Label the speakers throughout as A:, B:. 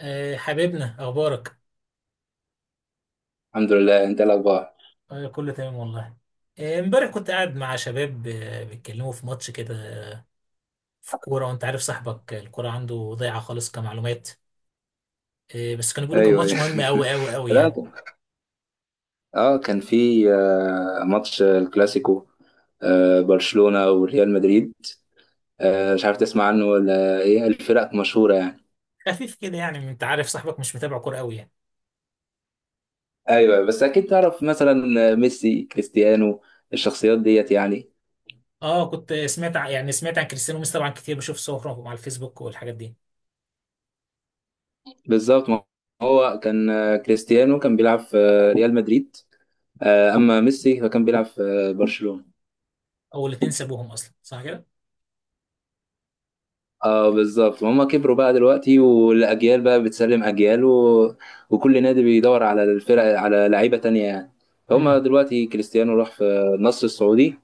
A: حبيبنا اخبارك.
B: الحمد لله. انت إيه الاخبار؟
A: كله تمام والله. امبارح كنت قاعد مع شباب بيتكلموا في ماتش كده. آه، في كوره، وانت عارف صاحبك الكوره عنده ضايعه خالص كمعلومات. بس كانوا بيقولوا كان
B: ايوه،
A: ماتش
B: ايوه.
A: مهم قوي قوي قوي
B: لا.
A: يعني.
B: اه، كان في ماتش الكلاسيكو. برشلونة وريال مدريد. مش عارف تسمع عنه ولا ايه، الفرق مشهورة يعني.
A: خفيف كده، يعني انت عارف صاحبك مش متابع كوره قوي يعني.
B: ايوه، بس اكيد تعرف مثلا ميسي، كريستيانو، الشخصيات ديت يعني.
A: اه، كنت سمعت يعني سمعت عن كريستيانو ميسي طبعا كتير، بشوف صورهم على الفيسبوك والحاجات دي.
B: بالظبط، ما هو كان آه، كريستيانو كان بيلعب في ريال مدريد. اما ميسي فكان بيلعب في برشلونة.
A: اول اتنين سابوهم اصلا، صح كده.
B: اه، بالظبط. هما كبروا بقى دلوقتي، والاجيال بقى بتسلم اجيال و وكل نادي بيدور على الفرق، على لعيبه تانية يعني. هما دلوقتي كريستيانو راح في النصر السعودي.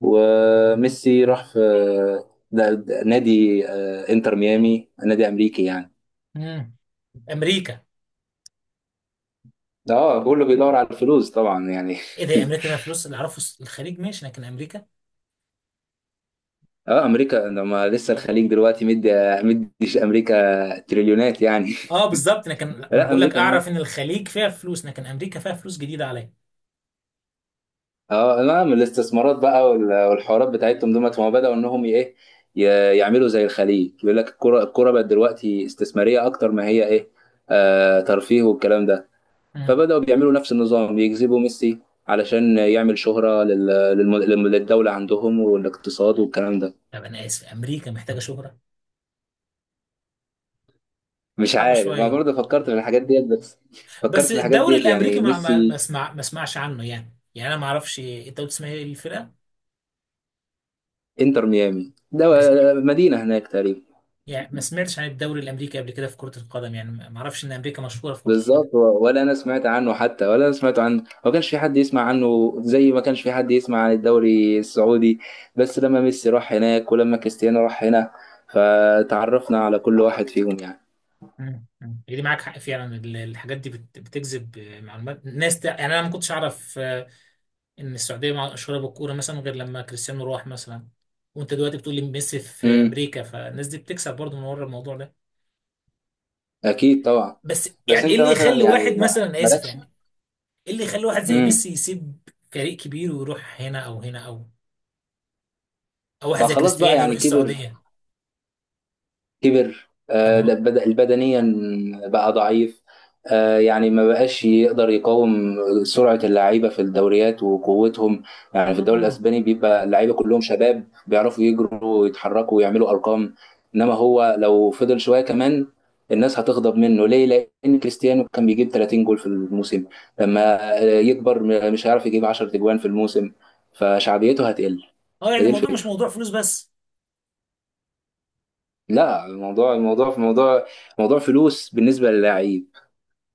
B: وميسي راح في ده نادي انتر ميامي، نادي امريكي يعني.
A: امم امريكا.
B: اه، كله بيدور على الفلوس طبعا يعني.
A: ايه ده، امريكا فيها فلوس؟ اللي اعرفه الخليج ماشي، لكن امريكا.
B: اه، امريكا لما لسه الخليج دلوقتي مديش، امريكا تريليونات يعني.
A: اه بالظبط، لكن ما انا
B: لا،
A: بقول لك،
B: امريكا.
A: اعرف ان الخليج فيها فلوس لكن امريكا فيها فلوس جديده عليا.
B: اه، نعم الاستثمارات بقى والحوارات بتاعتهم دول، ما هو بدأوا انهم ايه، يعملوا زي الخليج. يقول لك الكرة بقت دلوقتي استثمارية اكتر ما هي ايه، ترفيه والكلام ده.
A: مم.
B: فبدأوا بيعملوا نفس النظام، يجذبوا ميسي علشان يعمل شهرة للدولة عندهم والاقتصاد والكلام ده.
A: طب انا اسف، امريكا محتاجه شهره؟
B: مش
A: صعبه
B: عارف، ما
A: شويه.
B: برضه فكرت في الحاجات ديت بس. فكرت
A: بس
B: في الحاجات
A: الدوري
B: ديت
A: الامريكي
B: يعني،
A: ما ما ما
B: ميسي.
A: اسمع ما اسمعش عنه، يعني انا ما اعرفش، انت قلت اسمها ايه الفرقه؟
B: انتر ميامي ده
A: ما س-
B: مدينة هناك تقريبا.
A: يعني ما سمعتش عن الدوري الامريكي قبل كده في كره القدم، يعني ما اعرفش ان امريكا مشهوره في كره القدم.
B: بالظبط، ولا انا سمعت عنه، ما كانش في حد يسمع عنه زي ما كانش في حد يسمع عن الدوري السعودي. بس لما ميسي راح هناك ولما كريستيانو راح هنا، فتعرفنا على كل واحد فيهم يعني.
A: مم. مم. دي معاك حق فعلا، الحاجات دي بتجذب معلومات ناس، يعني انا ما كنتش اعرف ان السعوديه مشهوره بالكوره مثلا غير لما كريستيانو راح مثلا. وانت دلوقتي بتقول لي ميسي في
B: امم.
A: امريكا، فالناس دي بتكسب برضه من ورا الموضوع ده.
B: اكيد، طبعا.
A: بس
B: بس
A: يعني ايه
B: انت
A: اللي
B: مثلا
A: يخلي واحد
B: يعني، ما
A: مثلا، أنا اسف
B: مالكش.
A: يعني، ايه اللي يخلي واحد زي
B: امم.
A: ميسي يسيب فريق كبير ويروح هنا او هنا او واحد
B: ما
A: زي
B: خلاص بقى
A: كريستيانو يروح
B: يعني، كبر
A: السعوديه؟
B: كبر
A: طب ما
B: ده
A: هو.
B: بدنيا. بقى ضعيف. يعني ما بقاش يقدر يقاوم سرعة اللعيبة في الدوريات وقوتهم. يعني في الدوري
A: اه
B: الأسباني بيبقى اللعيبة كلهم شباب، بيعرفوا يجروا ويتحركوا ويعملوا أرقام. إنما هو لو فضل شوية كمان، الناس هتغضب منه ليه؟ لأن كريستيانو كان بيجيب 30 جول في الموسم. لما يكبر، مش هيعرف يجيب 10 تجوان في الموسم، فشعبيته هتقل.
A: اه يعني
B: فدي
A: الموضوع مش
B: الفكرة.
A: موضوع فلوس بس.
B: لا، الموضوع، في موضوع، موضوع فلوس بالنسبه للاعيب.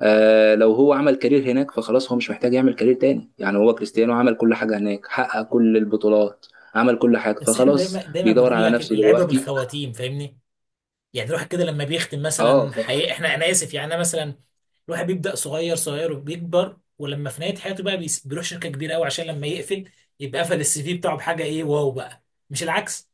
B: لو هو عمل كارير هناك، فخلاص هو مش محتاج يعمل كارير تاني يعني. هو كريستيانو عمل كل حاجه هناك، حقق كل البطولات، عمل كل حاجه،
A: بس احنا
B: فخلاص
A: دايما دايما
B: بيدور
A: بنقول
B: على
A: لك
B: نفسه
A: العبره
B: دلوقتي.
A: بالخواتيم، فاهمني؟ يعني الواحد كده لما بيختم
B: اه،
A: مثلا، حقيقة، انا اسف يعني، انا مثلا الواحد بيبدأ صغير صغير وبيكبر، ولما في نهاية حياته بقى بيروح شركة كبيرة قوي عشان لما يقفل يبقى قفل السي في بتاعه بحاجة ايه، واو بقى. مش العكس؟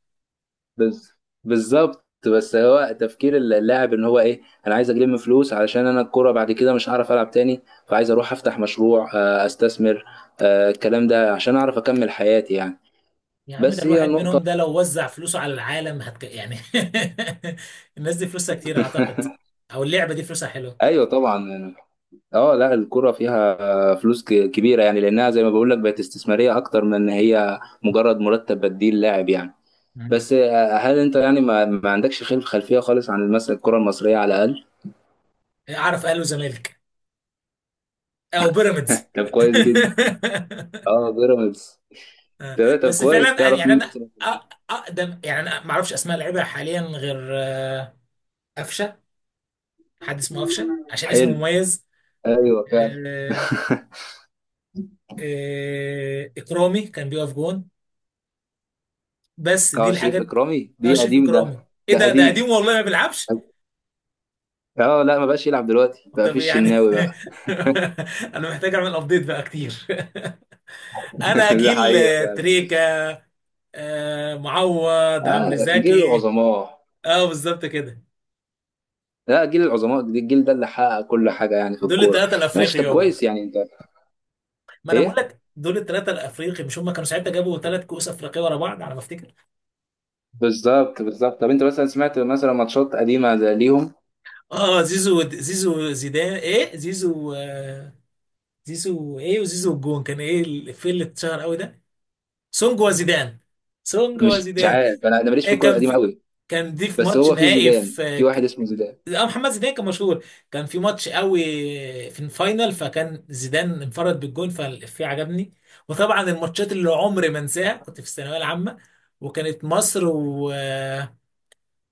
B: بز- بالظبط. بس هو تفكير اللاعب ان هو ايه، انا عايز اجيب فلوس علشان انا الكوره بعد كده مش هعرف العب تاني، فعايز اروح افتح مشروع، استثمر. الكلام ده عشان اعرف اكمل حياتي يعني.
A: يا عم، ده
B: بس هي
A: الواحد
B: نقطه.
A: منهم ده لو وزع فلوسه على العالم يعني. الناس دي فلوسها كتير اعتقد. او اللعبة دي فلوسها حلوة.
B: ايوه، طبعا. اه، لا، الكرة فيها فلوس كبيرة يعني، لأنها زي ما بقول لك بقت استثمارية أكتر من إن هي مجرد مرتب بديل لاعب يعني.
A: مم.
B: بس هل أنت يعني ما عندكش خلفية خالص عن مثلا الكرة المصرية على الأقل؟
A: اعرف اهلي وزمالك، او بيراميدز.
B: طب، كويس جدا. اه، بيراميدز. تمام. طب
A: بس
B: كويس،
A: فعلا
B: تعرف
A: يعني
B: مين
A: انا
B: مثلا في
A: أ-
B: الأهلي؟
A: اقدم، يعني انا ما اعرفش اسماء لعيبه حاليا غير قفشه. حد اسمه قفشه عشان اسمه
B: حلو.
A: مميز.
B: ايوه، فعلا.
A: آه، اكرامي كان بيقف جون. بس دي
B: اه، شريف
A: الحاجات.
B: إكرامي دي
A: اشرف
B: قديم ده.
A: اكرامي. ايه
B: ده
A: ده
B: قديم.
A: قديم والله ما بيلعبش.
B: اه، لا، ما بقاش يلعب دلوقتي، بقى في
A: طب يعني.
B: الشناوي بقى.
A: انا محتاج اعمل ابديت بقى كتير. انا
B: ده
A: جيل
B: حقيقة فعلا.
A: تريكا، معوض، عمرو
B: جيل
A: زكي.
B: العظماء.
A: اه بالظبط كده.
B: لا، جيل العظماء، الجيل ده اللي حقق كل حاجه يعني في
A: دول
B: الكوره.
A: الثلاثه
B: ماشي،
A: الافريقي
B: طب
A: يابا.
B: كويس يعني انت
A: ما انا بقول
B: ايه.
A: لك دول الثلاثه الافريقي، مش هم كانوا ساعتها جابوا ثلاث كؤوس افريقيه ورا بعض على ما افتكر؟
B: بالظبط، بالظبط. طب انت مثلا سمعت مثلا ماتشات قديمه زي ليهم؟
A: اه زيزو زيدان، ايه زيزو زيزو، ايه وزيزو الجون كان، ايه الفيلم اللي اتشهر قوي ده؟ سونج وزيدان. سونج
B: مش
A: وزيدان.
B: عارف. انا ماليش في
A: ايه
B: الكوره القديمه قوي.
A: كان دي في
B: بس
A: ماتش
B: هو في
A: نهائي
B: زيدان،
A: في
B: في واحد اسمه زيدان.
A: اه محمد زيدان كان مشهور. كان في ماتش قوي في الفاينل، فكان زيدان انفرد بالجون فالإفيه عجبني. وطبعا الماتشات اللي عمري ما انساها، كنت في الثانويه العامه، وكانت مصر و...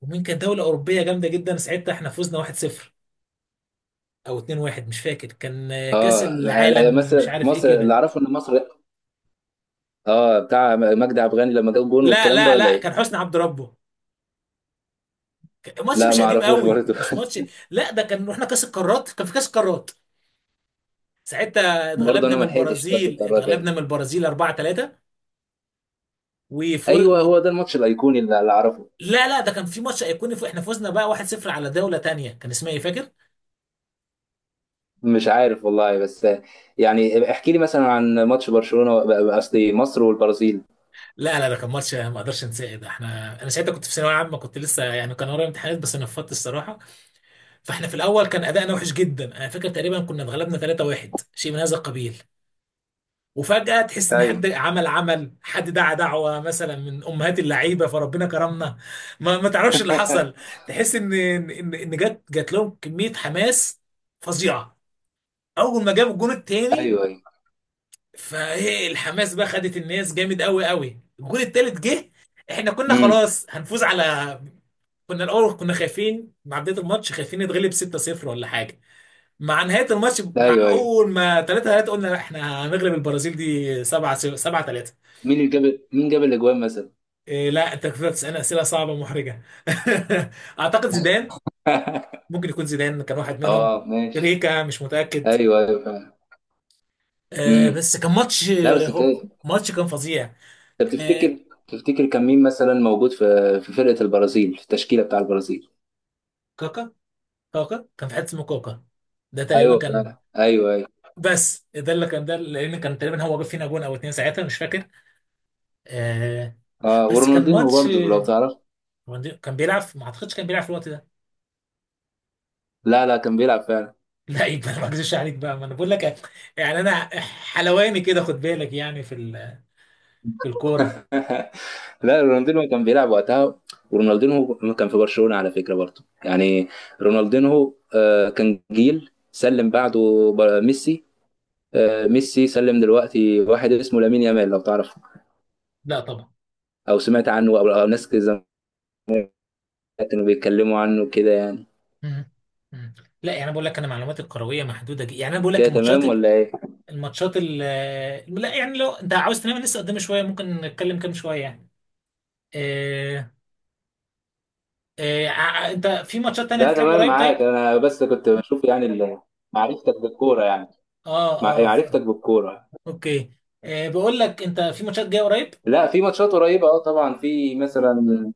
A: ومين كانت دوله اوروبيه جامده جدا ساعتها احنا فزنا 1-0 او 2-1، مش فاكر، كان كاس
B: اه،
A: العالم مش
B: مصر
A: عارف ايه
B: مصر اللي
A: كده.
B: اعرفه ان مصر اه، بتاع مجدي عبد الغني لما جاب جون
A: لا
B: والكلام ده،
A: لا
B: ولا
A: لا،
B: ايه؟
A: كان حسني عبد ربه. ماتش
B: لا،
A: مش
B: ما
A: قديم
B: اعرفوش
A: قوي،
B: برضه.
A: مش ماتش. لا ده كان رحنا كاس القارات، كان في كاس القارات. ساعتها
B: برضه
A: اتغلبنا
B: انا
A: من
B: ما لحقتش، بس
A: البرازيل،
B: القرارات يعني.
A: 4-3 وفوز
B: ايوه،
A: و...
B: هو ده الماتش الايقوني اللي اعرفه.
A: لا لا، ده كان في ماتش ايقوني، احنا فوزنا بقى 1-0 على دولة تانية كان اسمها ايه فاكر؟
B: مش عارف والله، بس يعني احكي لي مثلا عن ماتش برشلونة. قصدي مصر والبرازيل.
A: لا لا، ده كان ماتش ما اقدرش انساه، ده انا ساعتها كنت في ثانوية عامة، كنت لسه يعني كان ورايا امتحانات بس نفضت الصراحة. فاحنا في الاول كان ادائنا وحش جدا، انا فاكر تقريبا كنا اتغلبنا 3-1 شيء من هذا القبيل. وفجأة تحس ان
B: ايوه.
A: حد عمل عمل حد دعا دعوة مثلا من امهات اللعيبة فربنا كرمنا. ما تعرفش اللي حصل. تحس ان ان ان إن جت لهم كمية حماس فظيعة. اول ما جاب الجون التاني،
B: ايوه، ايوه.
A: فايه الحماس بقى خدت الناس جامد قوي قوي، الجون التالت جه. احنا كنا
B: امم.
A: خلاص هنفوز على، كنا الاول كنا خايفين مع بداية الماتش، خايفين نتغلب 6-0 ولا حاجة. مع نهايه الماتش، مع
B: ايوه، ايوه.
A: اول ما 3 3 قلنا احنا هنغلب البرازيل دي 7 7 3.
B: مين جاب الاجوان مثلا؟
A: إيه لا، انت كنت بتسالني اسئله صعبه محرجه. اعتقد زيدان. ممكن يكون زيدان كان واحد منهم.
B: اه، ماشي.
A: ريكا، مش متاكد.
B: ايوه، ايوه، فعلا. امم.
A: بس كان ماتش،
B: لا، بس كده انت
A: ماتش كان فظيع. آه
B: تفتكر كان مين مثلا موجود في، في فرقة البرازيل، في التشكيلة بتاع البرازيل؟
A: كاكا كاكا كان في حته اسمه كاكا. ده تقريبا
B: ايوه،
A: كان.
B: فعلا. ايوه، ايوه.
A: بس ده اللي كان، ده لان كان تقريبا هو جاب فينا جون او اتنين ساعتها مش فاكر. آه
B: اه،
A: بس كان
B: ورونالدينو
A: ماتش،
B: برضه لو تعرف.
A: كان بيلعب. ما اعتقدش كان بيلعب في الوقت ده.
B: لا، لا، كان بيلعب فعلا.
A: لا يبقى، ما اكذبش عليك بقى، ما انا بقول لك، يعني انا، حلواني كده، خد بالك يعني في في الكوره.
B: لا، رونالدينو كان بيلعب وقتها. ورونالدينو كان في برشلونة على فكرة برضه يعني. رونالدينو كان جيل سلم بعده ميسي. ميسي سلم دلوقتي واحد اسمه لامين يامال لو تعرفه،
A: لا طبعا.
B: او سمعت عنه، او ناس كده زمان كانوا بيتكلموا عنه كده يعني.
A: مم. مم. لا يعني انا بقول لك، انا معلوماتي الكرويه محدوده جدا، يعني انا بقول لك
B: كده تمام
A: الماتشات،
B: ولا ايه؟
A: الماتشات لا يعني لو انت عاوز تنام لسه قدام شويه ممكن نتكلم كام شويه يعني. آه انت في ماتشات تانية
B: ده
A: تتلعب
B: تمام
A: قريب؟
B: معاك،
A: طيب.
B: انا بس كنت بشوف يعني معرفتك بالكوره يعني.
A: اه اه
B: معرفتك بالكوره.
A: اوكي. بقول لك، انت في ماتشات جايه قريب؟
B: لا، في ماتشات قريبه اه، طبعا. في مثلا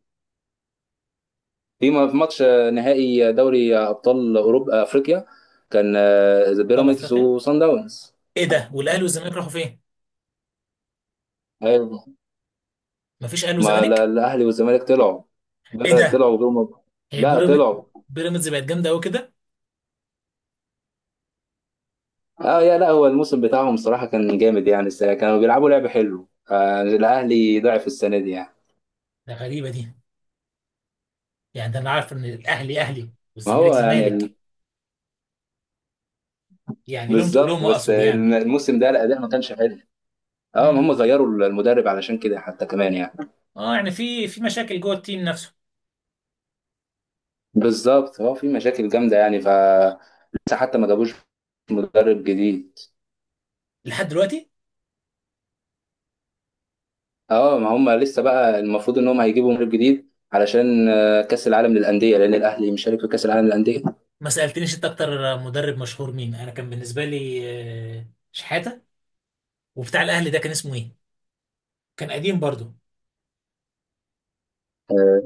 B: في ماتش نهائي دوري ابطال اوروبا افريقيا. كان
A: في
B: بيراميدز
A: افريقيا؟
B: وصن داونز.
A: ايه ده، والاهلي والزمالك راحوا فين؟
B: ايوه.
A: مفيش اهلي
B: ما لا-
A: وزمالك؟
B: الاهلي والزمالك طلعوا.
A: ايه
B: لا،
A: ده.
B: طلعوا جم.
A: هي
B: لا،
A: بيراميدز؟
B: طلعوا.
A: بيراميدز بقت جامده قوي كده.
B: اه يا، لا هو الموسم بتاعهم صراحه كان جامد يعني، السنه كانوا بيلعبوا لعب حلو. الاهلي ضعف السنه دي يعني.
A: ده غريبه دي. يعني ده انا عارف ان الاهلي اهلي
B: ما
A: والزمالك
B: هو يعني
A: زمالك، يعني لهم
B: بالظبط،
A: تقولهم
B: بس
A: اقصد يعني.
B: الموسم ده الاداء ما كانش حلو. اه، ما هم
A: امم
B: غيروا المدرب علشان كده حتى كمان يعني.
A: اه يعني في مشاكل جوه التيم نفسه.
B: بالظبط، هو في مشاكل جامده يعني لسه حتى ما جابوش مدرب جديد.
A: لحد دلوقتي؟
B: اه، ما هم لسه بقى المفروض ان هم هيجيبوا مدرب جديد علشان كاس العالم للانديه، لان الاهلي مشارك في كاس العالم للانديه.
A: ما سالتنيش انت اكتر مدرب مشهور مين؟ انا كان بالنسبه لي آه، شحاته. وبتاع الاهلي ده كان اسمه ايه؟ كان قديم برضو.
B: آه،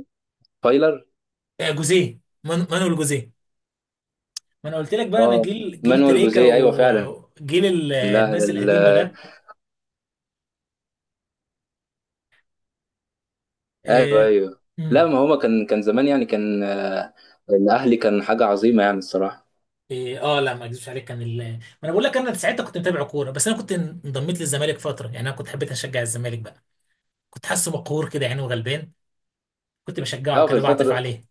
B: فايلر.
A: جوزيه، مانويل جوزيه. ما انا قلت لك بقى، انا
B: اه،
A: جيل
B: مانويل
A: تريكا
B: جوزيه. ايوه، فعلا.
A: وجيل
B: لا
A: الناس القديمه ده.
B: ايوه،
A: آه،
B: ايوه. لا،
A: مم.
B: ما هو كان زمان يعني، كان الاهلي كان حاجه عظيمه يعني الصراحه.
A: إيه اه لا، ما اكذبش عليك، كان ما انا بقول لك، انا ساعتها كنت متابع كوره، بس انا كنت انضميت للزمالك فتره، يعني انا كنت حبيت اشجع الزمالك بقى. كنت حاسه مقهور كده يعني وغلبان، كنت بشجعه
B: اه، في
A: كده بعطف
B: الفتره.
A: عليه.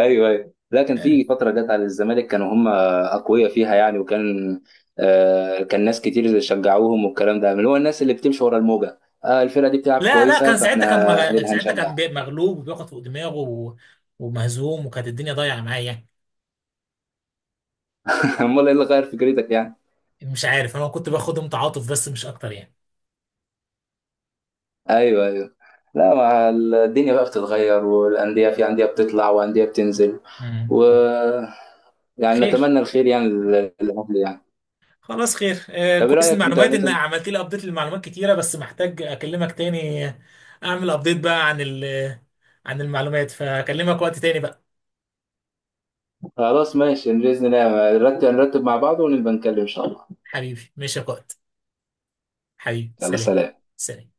B: ايوه، ايوه. لا، كان
A: آه.
B: في فتره جت على الزمالك، كانوا هم اقوياء فيها يعني، وكان كان ناس كتير شجعوهم والكلام ده، اللي هو الناس اللي بتمشي ورا الموجه. الفرقه دي بتلعب
A: لا لا،
B: كويسه،
A: كان
B: فاحنا
A: ساعتها كان مغ... ساعتها كان بي-
B: هنشجعها.
A: مغلوب وبياخد فوق دماغه و... ومهزوم، وكانت الدنيا ضايعه معايا يعني.
B: امال ايه اللي غير فكرتك يعني؟
A: مش عارف، انا كنت باخدهم تعاطف بس مش اكتر يعني.
B: ايوه، ايوه. لا، مع الدنيا بقى بتتغير، والانديه، في انديه بتطلع وانديه بتنزل،
A: مم.
B: و
A: مم.
B: يعني
A: خير،
B: نتمنى الخير يعني للاهلي يعني.
A: خلاص خير.
B: طب ايه
A: كويس،
B: رايك انت
A: المعلومات ان
B: مثلا؟
A: عملت لي ابديت للمعلومات كتيره، بس محتاج اكلمك تاني. اعمل ابديت بقى عن عن المعلومات، فاكلمك وقت تاني بقى.
B: خلاص، ماشي. باذن الله نرتب، مع بعض ونبقى نتكلم ان شاء الله.
A: حبيبي ماشي يا قائد. حبيبي
B: يلا،
A: سلام.
B: سلام.
A: سلام.